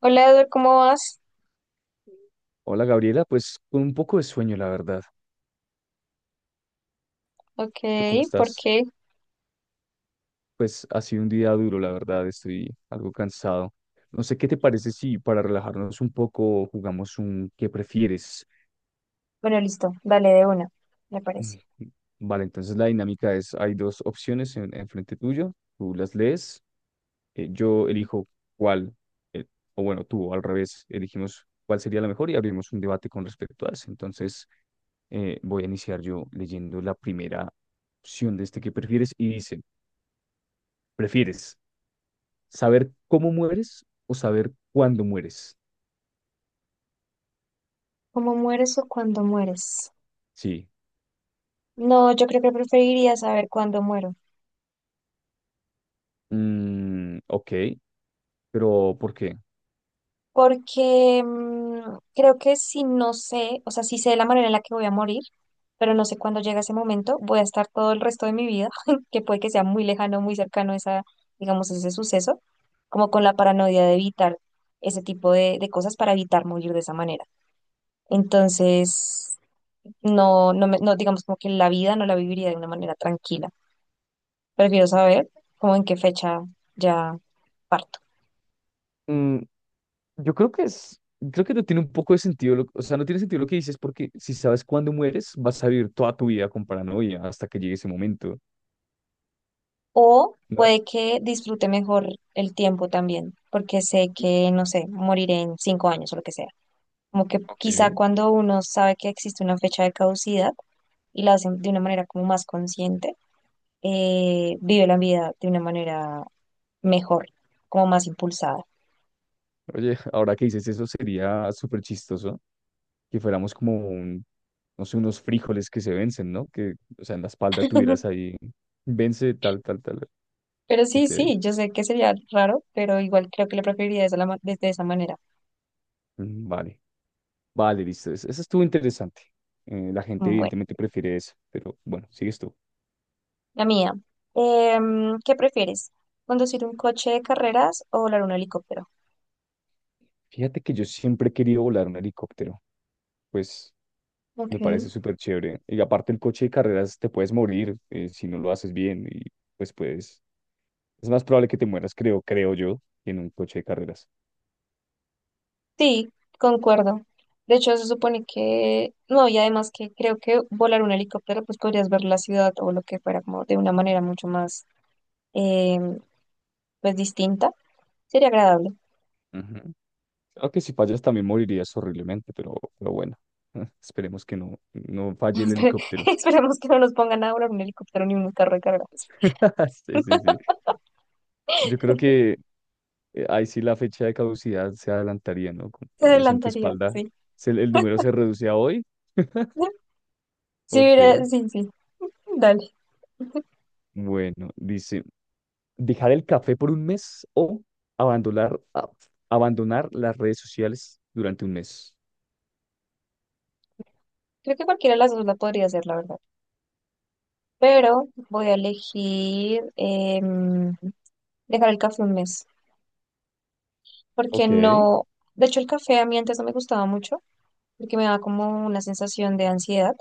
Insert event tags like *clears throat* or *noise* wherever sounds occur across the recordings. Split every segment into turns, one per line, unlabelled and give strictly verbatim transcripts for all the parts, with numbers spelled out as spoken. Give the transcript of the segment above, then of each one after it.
Hola Eduardo, ¿cómo vas?
Hola Gabriela, pues con un poco de sueño, la verdad.
Ok,
¿Tú cómo
¿por
estás?
qué?
Pues ha sido un día duro, la verdad, estoy algo cansado. No sé qué te parece si para relajarnos un poco jugamos un ¿qué prefieres? *clears throat*
Bueno, listo, dale de una, me parece.
Mm. Vale, entonces la dinámica es, hay dos opciones en, enfrente tuyo, tú las lees, eh, yo elijo cuál, eh, o bueno, tú al revés, elegimos cuál sería la mejor y abrimos un debate con respecto a eso. Entonces eh, voy a iniciar yo leyendo la primera opción de este que prefieres y dice... ¿Prefieres saber cómo mueres o saber cuándo mueres?
¿Cómo mueres o cuándo mueres?
Sí.
No, yo creo que preferiría saber cuándo muero,
Mm, ok, pero ¿por qué?
porque mm, creo que si no sé, o sea, si sé la manera en la que voy a morir, pero no sé cuándo llega ese momento, voy a estar todo el resto de mi vida, *laughs* que puede que sea muy lejano, muy cercano esa, digamos, ese suceso, como con la paranoia de evitar ese tipo de, de cosas para evitar morir de esa manera. Entonces, no, no, me- no, digamos como que la vida no la viviría de una manera tranquila. Prefiero saber como en qué fecha ya parto.
Mm, yo creo que es, creo que no tiene un poco de sentido, lo- o sea, no tiene sentido lo que dices porque si sabes cuándo mueres, vas a vivir toda tu vida con paranoia hasta que llegue ese momento,
O
¿no?
puede que disfrute mejor el tiempo también, porque sé que, no sé, moriré en cinco años o lo que sea. Como que
Ok.
quizá
Oye,
cuando uno sabe que existe una fecha de caducidad y la hacen de una manera como más consciente, eh, vive la vida de una manera mejor, como más impulsada.
*laughs* ahora que dices eso sería súper chistoso que fuéramos como un, no sé, unos frijoles que se vencen, ¿no? Que, o sea, en la espalda tuvieras
*laughs*
ahí, vence tal, tal, tal.
Pero sí,
Ok,
sí, yo sé que sería raro, pero igual creo que lo preferiría de esa, la ma- de, de esa manera.
mm, vale. Vale, listo. Eso, eso estuvo interesante. Eh, la gente
Mm, Bueno,
evidentemente prefiere eso, pero bueno, sigues tú.
la mía. Em, ¿qué prefieres? ¿Conducir un coche de carreras o volar un helicóptero?
Fíjate que yo siempre he querido volar un helicóptero, pues
Ok.
me parece súper chévere. Y aparte el coche de carreras te puedes morir eh, si no lo haces bien y pues puedes... Es más probable que te mueras, creo, creo yo, que en un coche de carreras.
Sí, concuerdo. De hecho, se supone que, no, y además que creo que volar un helicóptero, pues podrías ver la ciudad o lo que fuera como de una manera mucho más, em, pues distinta. Sería agradable.
Ujú. Claro si fallas también morirías horriblemente, pero, pero bueno, *laughs* eh, esperemos que no, no
*laughs*
falle el
Espere-
helicóptero.
Esperemos que no nos pongan a volar un helicóptero ni un carro de carreras.
*laughs* Sí, sí, sí. Yo creo que eh, ahí sí la fecha de caducidad se adelantaría, ¿no? Como
Se
que ves en tu
adelantaría,
espalda,
sí.
se- el número se reduce a hoy.
*laughs* Sí,
Ok,
mira, sí, sí, dale.
bueno, dice, dejar el café por un mes o abandonar, a- abandonar las redes sociales durante un mes.
Creo que cualquiera de las dos la podría hacer, la verdad. Pero voy a elegir em, dejar el café un mes, porque
Ok,
no, de hecho el café a mí antes no me gustaba mucho, porque me daba como una sensación de ansiedad,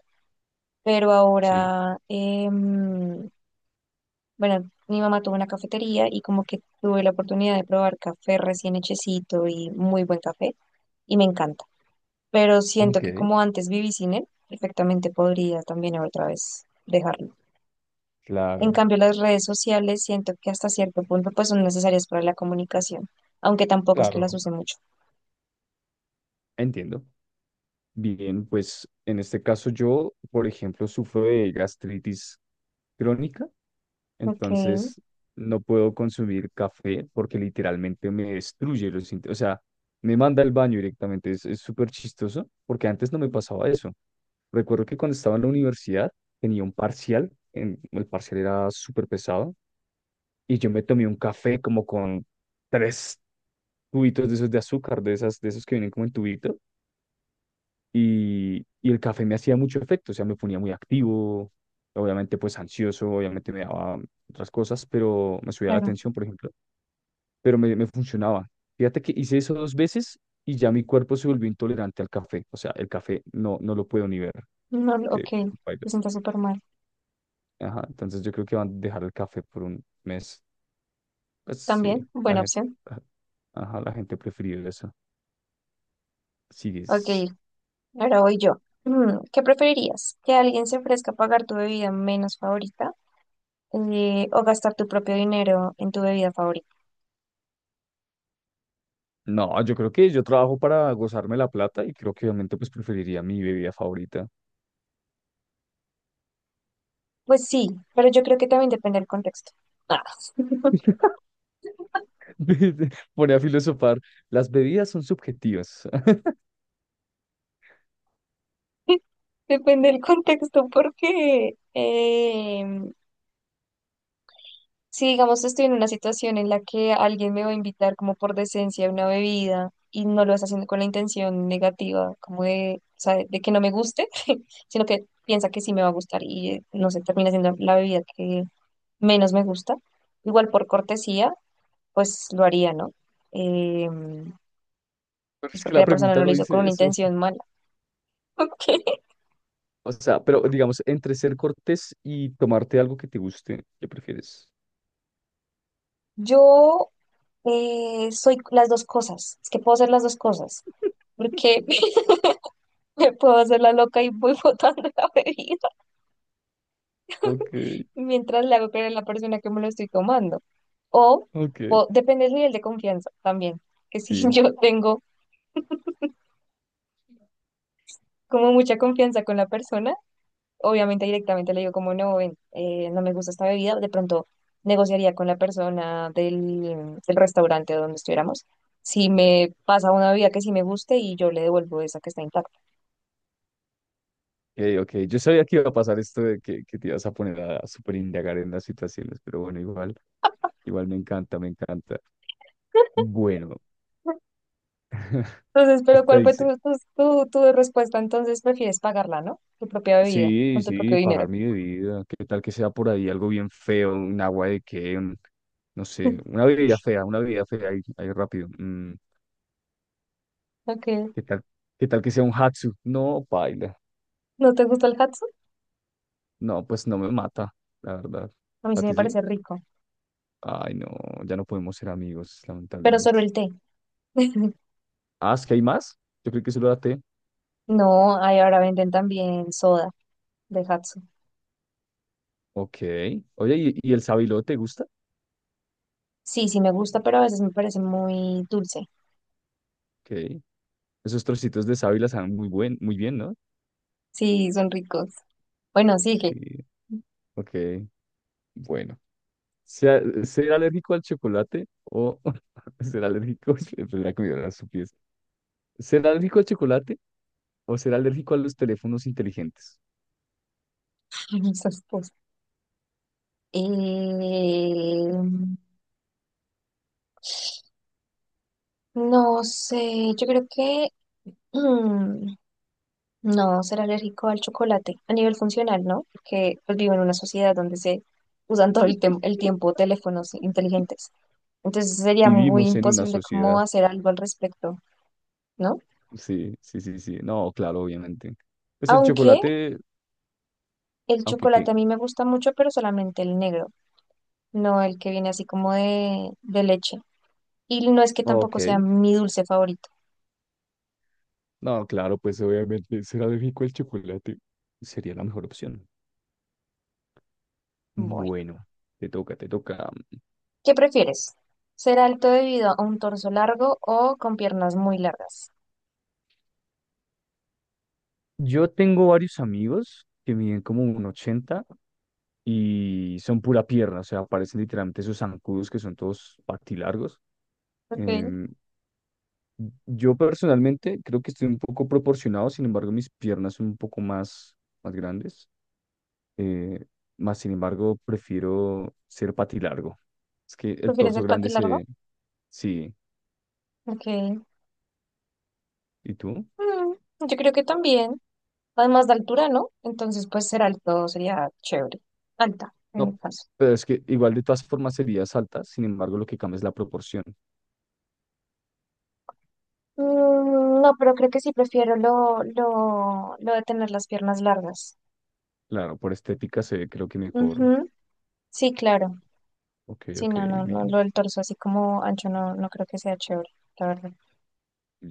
pero
sí,
ahora, em, bueno, mi mamá tuvo una cafetería y como que tuve la oportunidad de probar café recién hechecito y muy buen café y me encanta. Pero siento que
ok,
como antes viví sin él, perfectamente podría también otra vez dejarlo. En
claro,
cambio, las redes sociales siento que hasta cierto punto pues son necesarias para la comunicación, aunque tampoco es que las
claro,
use mucho.
entiendo. Bien, pues en este caso yo, por ejemplo, sufro de gastritis crónica.
Ok,
Entonces, no puedo consumir café porque literalmente me destruye los inte- o sea, me manda al baño directamente. Es, es súper chistoso porque antes no me pasaba eso. Recuerdo que cuando estaba en la universidad tenía un parcial. En- el parcial era súper pesado y yo me tomé un café como con tres tubitos de esos de azúcar, de esas, de esos que vienen como en tubito. Y, y el café me hacía mucho efecto. O sea, me ponía muy activo, obviamente pues ansioso, obviamente me daba otras cosas, pero me subía la
claro.
atención, por ejemplo pero me, me funcionaba. Fíjate que hice eso dos veces y ya mi cuerpo se volvió intolerante al café. O sea, el café no, no lo puedo ni ver.
No, ok,
Que
me
bailas.
siento súper mal.
Ajá, entonces yo creo que van a dejar el café por un mes. Pues sí,
También,
la
buena
gente,
opción.
ajá, la gente prefiere eso.
Ok,
Sigues.
ahora voy yo. Mm, ¿Qué preferirías? ¿Que alguien se ofrezca a pagar tu bebida menos favorita eh, o gastar tu propio dinero en tu bebida favorita?
No, yo creo que yo trabajo para gozarme la plata y creo que obviamente pues preferiría mi bebida favorita.
Pues sí, pero yo creo que también depende del contexto. Ah.
*laughs* Pone a filosofar, las bebidas son subjetivas. *laughs*
*laughs* Depende del contexto porque em, si digamos estoy en una situación en la que alguien me va a invitar como por decencia a una bebida y no lo está haciendo con la intención negativa, como de, o sea, de que no me guste, *laughs* sino que piensa que sí me va a gustar y eh, no sé, termina siendo la bebida que menos me gusta. Igual por cortesía, pues lo haría, ¿no? Eh,
Pero
pues
es que
porque
la
la persona
pregunta
no lo
no
hizo con
dice
una
eso.
intención mala. *laughs* Ok.
O sea, pero digamos, entre ser cortés y tomarte algo que te guste, ¿qué prefieres?
Yo eh, soy las dos cosas, es que puedo hacer las dos cosas, porque *laughs* me puedo hacer la loca y voy botando la bebida,
Ok,
mientras le hago creer a la persona que me lo estoy tomando. O,
ok,
o depende del nivel de confianza también, que si *laughs*
sí,
yo tengo como mucha confianza con la persona, obviamente directamente le digo como no, ven, eh, no me gusta esta bebida, de pronto negociaría con la persona del, del restaurante donde estuviéramos. Si me pasa una bebida que sí me guste y yo le devuelvo esa que está intacta.
ok, ok. Yo sabía que iba a pasar esto de que, que te ibas a poner a, a súper indagar en las situaciones, pero bueno, igual, igual me encanta, me encanta. Bueno,
Entonces, pero
esta
¿cuál fue
dice,
tu, tu, tu, tu respuesta? Entonces prefieres pagarla, ¿no? Tu propia bebida,
sí,
con tu propio
sí,
dinero.
pagar mi bebida, qué tal que sea por ahí algo bien feo, un agua de qué, un- no sé, una bebida fea, una bebida fea ahí, ahí rápido. mm,
Ok.
¿qué tal, qué tal que sea un hatsu? No, paila.
¿No te gusta el hat?
No, pues no me mata, la verdad.
A mí
¿A
sí
ti
me
sí?
parece rico,
Ay, no, ya no podemos ser amigos,
pero solo
lamentablemente.
el té. *laughs*
Ah, ¿es que hay más? Yo creo que solo la té.
No, ahí ahora venden también soda de Hatsu.
Ok. Oye, ¿y, y el sábilo te gusta?
Sí, sí me gusta, pero a veces me parece muy dulce.
Ok. Esos trocitos de sábila saben muy buen, muy bien, ¿no?
Sí, son ricos. Bueno, sigue.
Sí.
*laughs*
Ok. Bueno. ¿Sea- ¿Ser alérgico al chocolate o *laughs* ser alérgico? *laughs* Pues la comida era su pieza. ¿Ser alérgico al chocolate o ser alérgico a los teléfonos inteligentes?
Ay, esas cosas. Eh, no sé, yo creo que *clears throat* mm, no, ser alérgico al chocolate a nivel funcional, ¿no? Porque pues, vivo en una sociedad donde se usan todo el, tem-
*laughs*
el tiempo teléfonos inteligentes. Entonces sería muy
Vivimos en una
imposible cómo
sociedad.
hacer algo al respecto. ¿No?
Sí, sí, sí, sí. No, claro, obviamente. Pues el
Aunque
chocolate,
el
aunque
chocolate
que.
a mí me gusta mucho, pero solamente el negro, no el que viene así como de, de leche. Y no es que tampoco sea
Ok.
mi dulce favorito.
No, claro, pues obviamente será de rico el chocolate. Sería la mejor opción.
Bueno,
Bueno, te toca, te toca.
¿qué prefieres? ¿Ser alto debido a un torso largo o con piernas muy largas?
Yo tengo varios amigos que miden como un ochenta y son pura pierna, o sea, parecen literalmente esos zancudos que son todos patilargos.
Ok,
Em, yo personalmente creo que estoy un poco proporcionado, sin embargo, mis piernas son un poco más, más grandes. Eh, más sin embargo, prefiero ser patilargo. Es que el
¿prefieres
torso
el pati
grande
largo?
se... Sí.
Ok,
¿Y tú?
Mm, yo creo que también. Además de altura, ¿no? Entonces, pues ser alto sería chévere. Alta, en mi
No,
caso.
pero es que igual de todas formas serías alta, sin embargo, lo que cambia es la proporción.
Mm, No, pero creo que sí prefiero lo, lo, lo de tener las piernas largas.
Claro, por estética se ve creo que mejor.
Ujú, sí, claro.
Ok,
Sí,
ok,
no, no, no, lo
bien.
del torso así como ancho no, no creo que sea chévere, la verdad.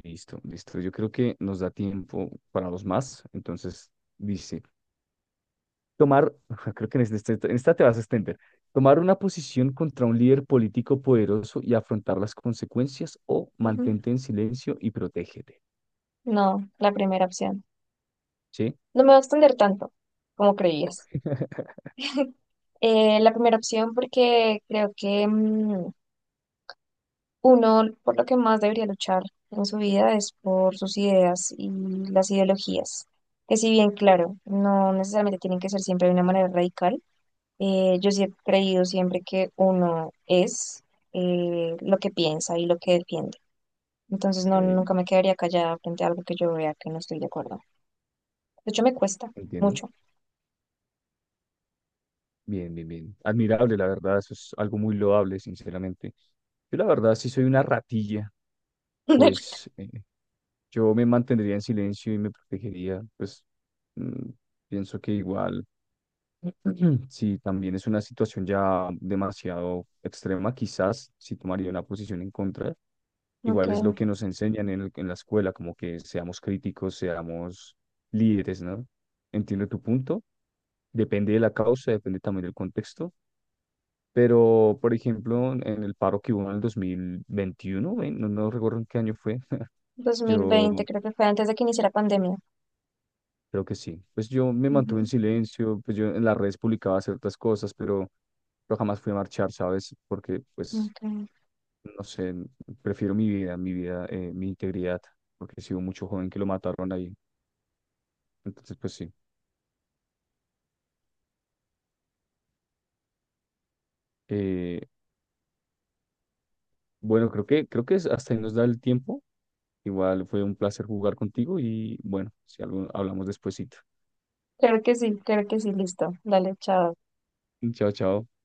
Listo, listo. Yo creo que nos da tiempo para los más. Entonces, dice, Tomar, *laughs* creo que en este- en esta te vas a extender, tomar una posición contra un líder político poderoso y afrontar las consecuencias o
Ujú.
mantente en silencio y protégete,
No, la primera opción.
¿sí?
No me va a extender tanto como creías.
*laughs*
Eh, la primera opción porque creo que mm, uno por lo que más debería luchar en su vida es por sus ideas y las ideologías. Que si bien, claro, no necesariamente tienen que ser siempre de una manera radical, eh, yo sí he creído siempre que uno es eh, lo que piensa y lo que defiende. Entonces no,
Ok,
nunca me quedaría callada frente a algo que yo vea que no estoy de acuerdo. De hecho, me cuesta
entiendo.
mucho.
Bien, bien, bien. Admirable, la verdad, eso es algo muy loable, sinceramente. Yo la verdad, si soy una ratilla,
*laughs*
pues eh, yo me mantendría en silencio y me protegería, pues mm, pienso que igual *clears throat* Sí, también es una situación ya demasiado extrema, quizás si tomaría una posición en contra.
Ok,
Igual es lo que nos enseñan en, el- en la escuela, como que seamos críticos, seamos líderes, ¿no? Entiendo tu punto. Depende de la causa, depende también del contexto. Pero, por ejemplo, en en el paro que hubo en el dos mil veintiuno, ¿eh? No, no recuerdo en qué año fue. *laughs*
dos mil
Yo
veinte creo que fue antes de que iniciara pandemia.
creo que sí. Pues yo me mantuve en
Ujú,
silencio, pues yo en las redes publicaba ciertas cosas, pero, pero jamás fui a marchar, ¿sabes? Porque, pues,
ok.
no sé, prefiero mi vida, mi vida, eh, mi integridad, porque si hubo mucho joven que lo mataron ahí. Entonces, pues sí. Eh, bueno, creo que, creo que es- hasta ahí nos da el tiempo. Igual fue un placer jugar contigo y bueno, si algo hablamos despuesito.
Creo que sí, creo que sí, listo. Dale, chao.
*laughs* Chao, chao.